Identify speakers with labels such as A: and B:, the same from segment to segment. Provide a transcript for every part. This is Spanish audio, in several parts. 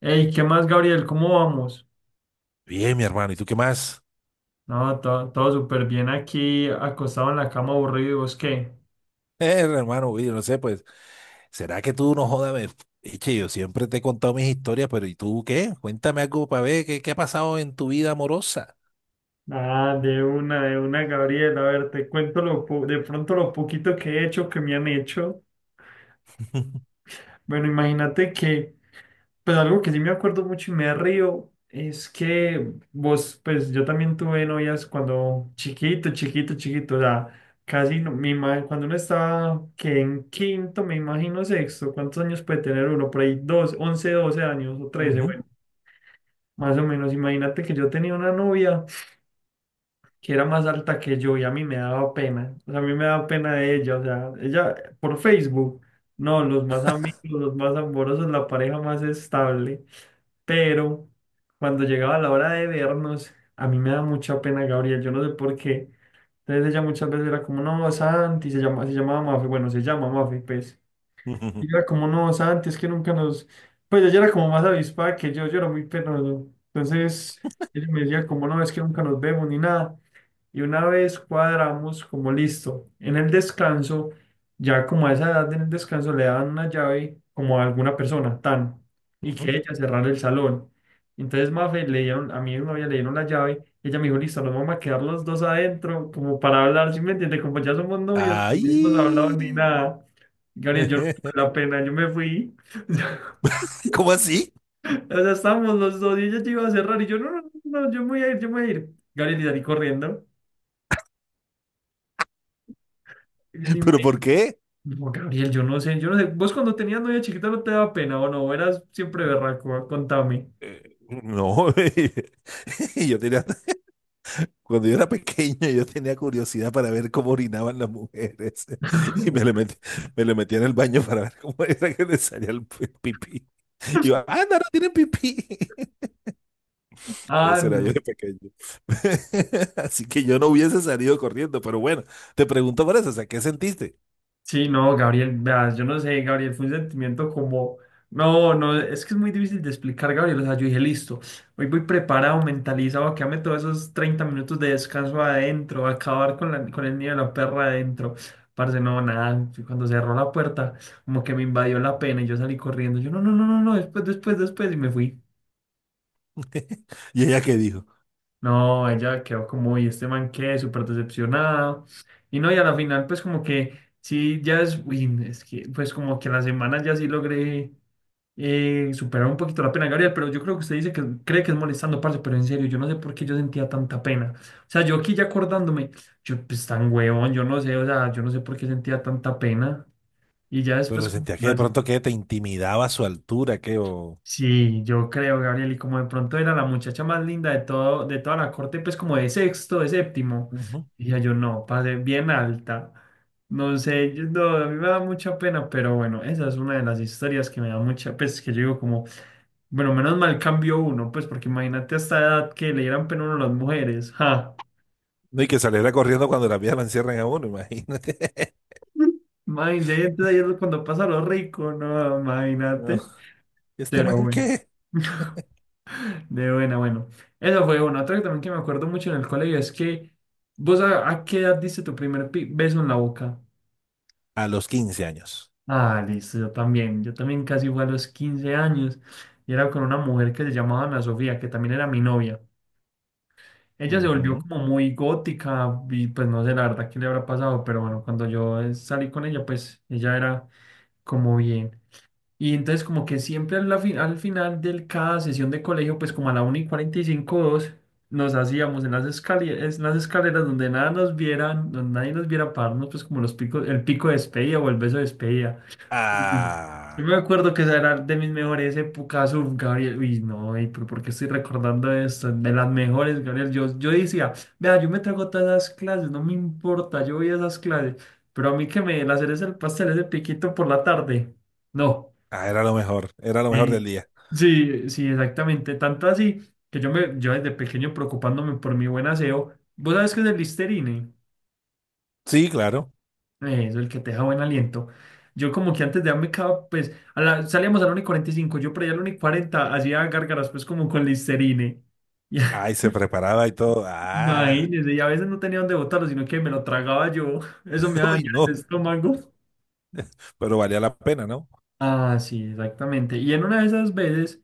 A: Hey, ¿qué más, Gabriel? ¿Cómo vamos?
B: Bien, mi hermano, ¿y tú qué más?
A: No, todo, todo súper bien aquí, acostado en la cama aburrido, ¿y vos qué?
B: Hermano, oye, no sé, pues, ¿será que tú no jodas? Eche, yo siempre te he contado mis historias, pero ¿y tú qué? Cuéntame algo para ver qué ha pasado en tu vida amorosa.
A: Ah, de una, Gabriel. A ver, te cuento de pronto lo poquito que he hecho, que me han hecho. Bueno, imagínate que pues algo que sí me acuerdo mucho y me río es que vos, pues yo también tuve novias cuando chiquito, chiquito, chiquito, o sea, casi no, cuando uno estaba que en quinto, me imagino sexto, ¿cuántos años puede tener uno? Por ahí dos, 11 12 años o trece,
B: Ujú.
A: bueno, más o menos. Imagínate que yo tenía una novia que era más alta que yo y a mí me daba pena, o sea, a mí me daba pena de ella, o sea, ella por Facebook, no, los más amigos, los más amorosos, la pareja más estable, pero cuando llegaba la hora de vernos, a mí me da mucha pena, Gabriel, yo no sé por qué. Entonces ella muchas veces era como, no, Santi, se llama, se llamaba Mafe, bueno, se llama Mafe, pues.
B: Ujú,
A: Y yo era como, no, Santi, es que nunca nos... Pues ella era como más avispada que yo era muy penoso. Entonces, ella me decía como, no, es que nunca nos vemos ni nada. Y una vez cuadramos como, listo, en el descanso, ya como a esa edad en el descanso le dan una llave como a alguna persona, tan, y que
B: ujú.
A: ella cerrar el salón. Entonces, Mafe, le dieron, a mi novia le dieron la llave, y ella me dijo, listo, nos vamos a quedar los dos adentro como para hablar, ¿sí me entiende? Como ya somos novios, y no hemos hablado
B: ¡Ay!
A: ni nada. Gabriel, yo no tuve la pena, yo me fui.
B: ¿Cómo así?
A: O sea, estábamos los dos y ella ya iba a cerrar y yo, no, no, no, no, yo me voy a ir, yo me voy a ir, Gabriel, y salí corriendo.
B: ¿Pero por qué?
A: No, Gabriel, yo no sé, yo no sé. ¿Vos cuando tenías novia chiquita no te daba pena o no? Eras siempre berraco, contame.
B: No, yo tenía. Cuando yo era pequeño, yo tenía curiosidad para ver cómo orinaban las mujeres. Y me le metía en el baño para ver cómo era que les salía el pipí. Y yo, ah, no, no tienen pipí.
A: Ah,
B: Ese era yo
A: no.
B: de pequeño. Así que yo no hubiese salido corriendo, pero bueno, te pregunto por eso, o sea, ¿qué sentiste?
A: Sí, no, Gabriel, veas, yo no sé, Gabriel, fue un sentimiento como, no, no, es que es muy difícil de explicar, Gabriel, o sea, yo dije, listo, hoy voy preparado, mentalizado, que ame todos esos 30 minutos de descanso adentro, acabar con con el niño de la perra adentro, parce, no, nada, cuando cerró la puerta, como que me invadió la pena y yo salí corriendo, yo, no, no, no, no, no, después, después, después, y me fui.
B: ¿Y ella qué dijo?
A: No, ella quedó como, y este man qué, súper decepcionada. Y no, y a la final, pues como que sí, ya es, uy, es que, pues como que a la semana ya sí logré superar un poquito la pena, Gabriel, pero yo creo que usted dice que cree que es molestando, parce, pero en serio, yo no sé por qué yo sentía tanta pena. O sea, yo aquí ya acordándome, yo, pues tan huevón, yo no sé, o sea, yo no sé por qué sentía tanta pena. Y ya después,
B: Pero
A: como
B: sentía
A: que
B: que de
A: la-
B: pronto que te intimidaba su altura, que o...
A: Sí, yo creo, Gabriel, y como de pronto era la muchacha más linda de todo, de toda la corte, pues como de sexto, de séptimo,
B: Ujú.
A: dije yo, no, pasé bien alta. No sé, yo- no, a mí me da mucha pena, pero bueno, esa es una de las historias que me da mucha, pues que yo digo como, bueno, menos mal cambió uno, pues porque imagínate a esta edad que le dieran pena a uno a las mujeres, ja.
B: No, y que saliera corriendo cuando las vieja la encierran a uno, imagínate.
A: Imagínate, ahí es cuando pasa lo rico, no,
B: No,
A: imagínate.
B: ¿este
A: Pero
B: man
A: bueno.
B: qué?
A: De buena, bueno. Eso fue uno. Otro que también que me acuerdo mucho en el colegio es que vos a qué edad diste tu primer beso en la boca.
B: A los 15 años.
A: Ah, listo, yo también. Yo también casi fue a los 15 años y era con una mujer que se llamaba Ana Sofía, que también era mi novia. Ella se volvió
B: Ujú.
A: como muy gótica y pues no sé la verdad qué le habrá pasado, pero bueno, cuando yo salí con ella, pues ella era como bien. Y entonces como que siempre al final de cada sesión de colegio, pues como a la una y 45 o 2 nos hacíamos en las escaleras donde nada nos vieran, donde nadie nos viera pararnos, pues como los picos, el pico de despedida o el beso de despedida. Ujú. Yo
B: Ah,
A: me acuerdo que esa era de mis mejores épocas, uf, Gabriel, uy, no, ey, pero ¿por qué estoy recordando esto? De las mejores, Gabriel, yo decía, vea, yo me trago todas esas clases, no me importa, yo voy a esas clases, pero a mí que me den hacer es el pastel, ese piquito por la tarde, no.
B: ah, era lo mejor del
A: Sí,
B: día.
A: sí, sí, exactamente. Tanto así que yo me, yo desde pequeño preocupándome por mi buen aseo. ¿Vos sabés qué es el Listerine?
B: Sí, claro.
A: Eso, el que te deja buen aliento. Yo como que antes de darme cava, pues, a la- salíamos al uno y cuarenta y cinco. Yo por allá al uno y cuarenta hacía gárgaras pues como con Listerine.
B: Ay, se preparaba y todo.
A: Y,
B: Ah,
A: imagínese, y a veces no tenía dónde botarlo, sino que me lo tragaba yo. Eso me
B: uy,
A: dañaba el
B: no,
A: estómago.
B: pero valía la pena, ¿no?
A: Ah, sí, exactamente. Y en una de esas veces,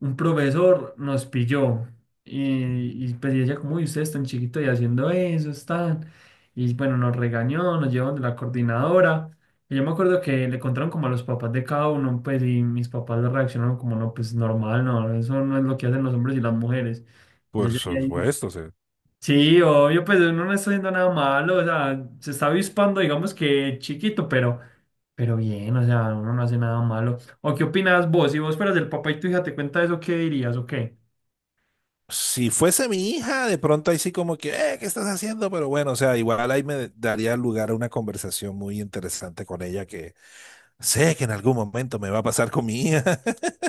A: un profesor nos pilló y, pues ella como, uy, ustedes están chiquitos y haciendo eso, están. Y bueno, nos regañó, nos llevaron de la coordinadora. Y yo me acuerdo que le contaron como a los papás de cada uno, pues, y mis papás le reaccionaron como, no, pues normal, no, eso no es lo que hacen los hombres y las mujeres. Y yo
B: Por
A: llegué ahí,
B: supuesto, o sea,
A: sí, obvio, pues uno no está haciendo nada malo, o sea, se está avispando, digamos que chiquito, pero... Pero bien, o sea, uno no hace nada malo. ¿O qué opinas vos? Si vos fueras el papá y tu hija te cuenta eso, ¿qué dirías o qué?
B: si fuese mi hija, de pronto ahí sí como que, ¿qué estás haciendo? Pero bueno, o sea, igual ahí me daría lugar a una conversación muy interesante con ella que sé que en algún momento me va a pasar con mi hija.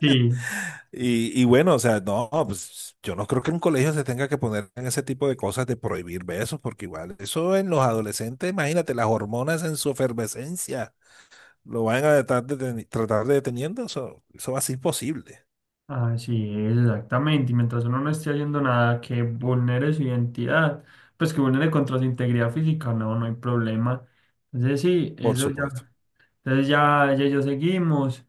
A: Sí.
B: Y bueno, o sea, no, pues yo no creo que un colegio se tenga que poner en ese tipo de cosas de prohibir besos, porque igual eso en los adolescentes, imagínate, las hormonas en su efervescencia lo van a tratar de, tratar de deteniendo, eso va a ser imposible,
A: Ah, sí, exactamente. Y mientras uno no esté haciendo nada que vulnere su identidad, pues que vulnere contra su integridad física, no, no hay problema. Entonces sí,
B: por
A: eso
B: supuesto.
A: ya. Entonces ya, ya, ya seguimos.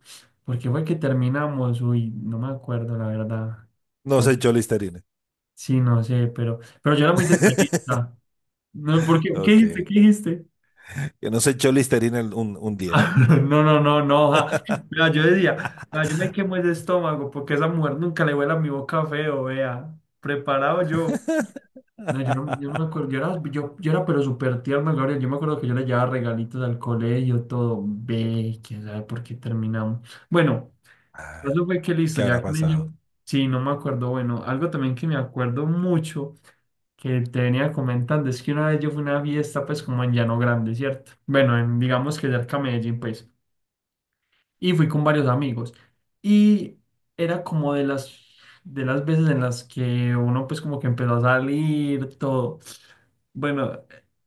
A: ¿Por qué fue que terminamos? Uy, no me acuerdo, la verdad.
B: No
A: ¿Qué?
B: se echó Listerine.
A: Sí, no sé, pero yo era muy detallista. No, ¿por qué? ¿Qué
B: Ok.
A: dijiste? ¿Qué dijiste?
B: Que no se echó Listerine un día.
A: No, no, no, no. Ja. Vea, yo decía, vea, yo me quemo ese estómago porque esa mujer nunca le huele a mi boca feo, vea. Preparado yo. No, yo no, yo no me acuerdo. Yo era, yo era pero súper tierno, Gabriel. Yo me acuerdo que yo le llevaba regalitos al colegio, todo. Ve, quién sabe por qué terminamos. Bueno,
B: Ah,
A: eso fue que listo,
B: ¿qué habrá
A: ya con
B: pasado?
A: ello. Sí, no me acuerdo. Bueno, algo también que me acuerdo mucho que te venía comentando es que una vez yo fui a una fiesta, pues como en Llano Grande, ¿cierto? Bueno, en, digamos que cerca a Medellín, pues y fui con varios amigos. Y era como de de las veces en las que uno pues como que empezó a salir, todo. Bueno,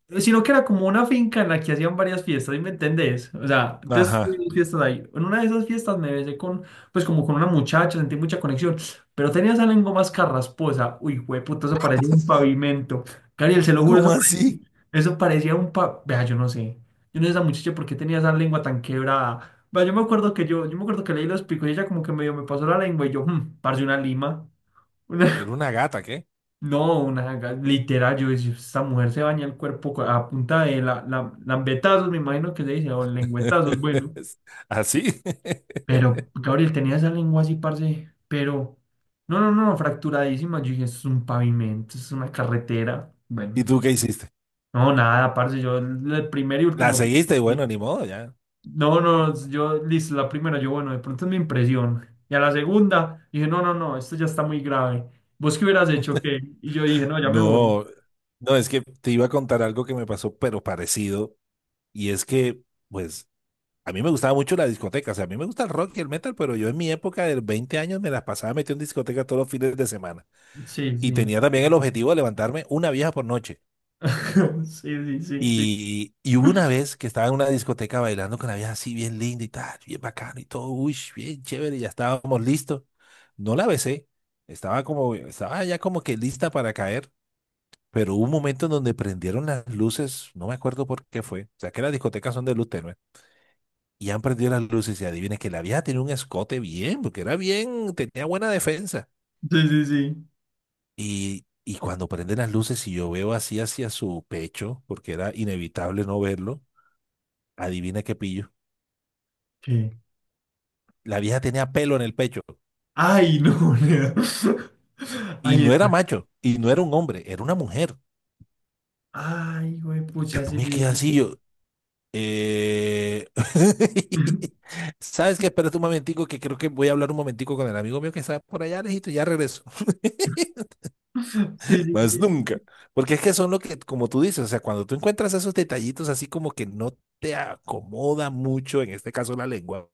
A: sino que era como una finca en la que hacían varias fiestas, ¿sí me entendés? O sea, entonces
B: Ajá.
A: tuvimos fiestas ahí. En una de esas fiestas me besé con, pues como con una muchacha, sentí mucha conexión, pero tenía esa lengua más carrasposa. Uy, güey, puto, eso parecía un pavimento. Cariel, se lo juro,
B: ¿Cómo así?
A: eso parecía un pa... Vea, yo no sé. Yo no sé esa muchacha por qué tenía esa lengua tan quebrada. Vea, yo me acuerdo que yo me acuerdo que leí los picos y ella como que medio me pasó la lengua y yo, parce, una lima.
B: Era una gata, ¿qué?
A: No, una literal, yo decía, esta mujer se baña el cuerpo a punta de la lambetazos, me imagino que se dice, o lengüetazos, bueno.
B: ¿Así?
A: Pero Gabriel tenía esa lengua así, parce, pero no, no, no, fracturadísima. Yo dije, esto es un pavimento, es una carretera. Bueno,
B: ¿Y tú qué hiciste?
A: no, nada, parce, yo el primer y
B: La
A: último.
B: seguiste y bueno, ni modo, ya.
A: No, no, yo, listo, la primera, yo, bueno, de pronto es mi impresión. Y a la segunda, dije, no, no, no, esto ya está muy grave. ¿Vos qué hubieras hecho? ¿Qué? Y yo dije, no, ya me voy.
B: No, no, es que te iba a contar algo que me pasó, pero parecido. Y es que, pues, a mí me gustaba mucho la discoteca. O sea, a mí me gusta el rock y el metal, pero yo en mi época de 20 años me las pasaba metido en discoteca todos los fines de semana.
A: Sí,
B: Y
A: sí.
B: tenía también el objetivo de levantarme una vieja por noche.
A: Sí, sí, sí, sí.
B: Y hubo una vez que estaba en una discoteca bailando con la vieja así bien linda y tal, bien bacano y todo, uy, bien chévere, ya estábamos listos. No la besé, estaba ya como que lista para caer, pero hubo un momento en donde prendieron las luces, no me acuerdo por qué fue, o sea que las discotecas son de luz tenue, y han prendido las luces y adivina que la vieja tenía un escote bien, porque era bien, tenía buena defensa.
A: Sí, sí, sí.
B: Y cuando prenden las luces y yo veo así hacia su pecho, porque era inevitable no verlo, adivina qué pillo.
A: ¿Qué?
B: La vieja tenía pelo en el pecho
A: Ay, no, Leo.
B: y
A: Ay,
B: no era
A: es-
B: macho y no era un hombre, era una mujer.
A: ay, güey,
B: Y yo
A: pucha, sí.
B: me quedé así, eh,
A: Sí,
B: ¿Sabes qué? Espérate un momentico, que creo que voy a hablar un momentico con el amigo mío que está por allá lejito, y ya regreso.
A: sí, sí.
B: Más
A: Sí.
B: nunca. Porque es que son lo que, como tú dices, o sea, cuando tú encuentras esos detallitos así como que no te acomoda mucho, en este caso la lengua,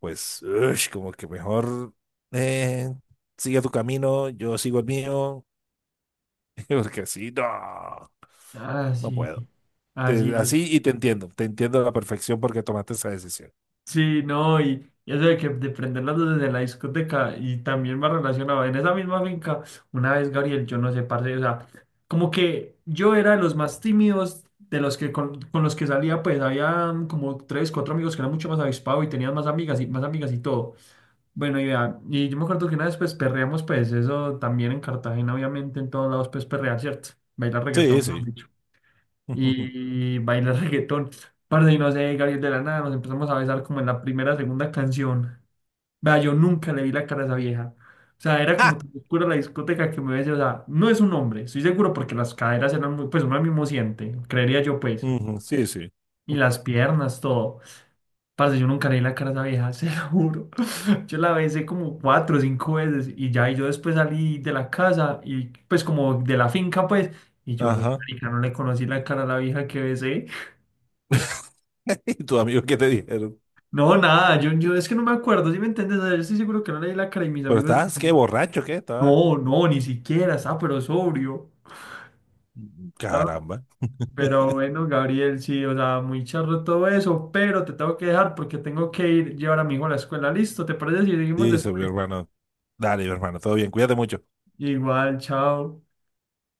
B: pues, ush, como que mejor eh, sigue tu camino, yo sigo el mío, porque sí, no,
A: Ah,
B: no
A: sí.
B: puedo.
A: Así es.
B: Así y te entiendo a la perfección porque tomaste esa decisión.
A: Sí, no, y eso de que de prender las luces de la discoteca y también va relacionado. En esa misma finca, una vez, Gabriel, yo no sé, parce, o sea, como que yo era de los más tímidos de los que con, los que salía, pues había como tres, cuatro amigos que eran mucho más avispados y tenían más amigas y todo. Bueno, y vea, y yo me acuerdo que una vez pues perreamos, pues eso también en Cartagena, obviamente en todos lados pues perrear, ¿cierto? Bailar
B: Sí,
A: reggaetón, mejor
B: sí.
A: dicho. Y bailar reggaetón. Parce, y no sé, Gabriel, de la nada, nos empezamos a besar como en la primera, segunda canción. Vea, yo nunca le vi la cara a esa vieja. O sea, era como
B: ¡Ja!
A: tan oscura la discoteca que me besé, o sea, no es un hombre, estoy seguro porque las caderas eran muy, pues uno mismo siente, creería yo, pues.
B: Ujú, sí, sí.
A: Y las piernas, todo. Parce, yo nunca le vi la cara a esa vieja, se lo juro. Yo la besé como cuatro o cinco veces y ya, y yo después salí de la casa y pues como de la finca, pues, y yo, ve,
B: Ajá.
A: marica, no le conocí la cara a la vieja que besé.
B: ¿Y tus amigos qué te dijeron?
A: No, nada, yo es que no me acuerdo, ¿si me entiendes? O sea, yo estoy seguro que no leí la cara y mis
B: Pero
A: amigos,
B: estás, qué borracho, qué estabas.
A: no, no, ni siquiera, estaba pero sobrio. Estaba-
B: Caramba.
A: Pero bueno, Gabriel, sí, o sea, muy charro todo eso, pero te tengo que dejar porque tengo que ir llevar a mi hijo a la escuela. Listo, ¿te parece si seguimos
B: Dice mi
A: después?
B: hermano. Dale, mi hermano, todo bien, cuídate mucho.
A: Igual, chao.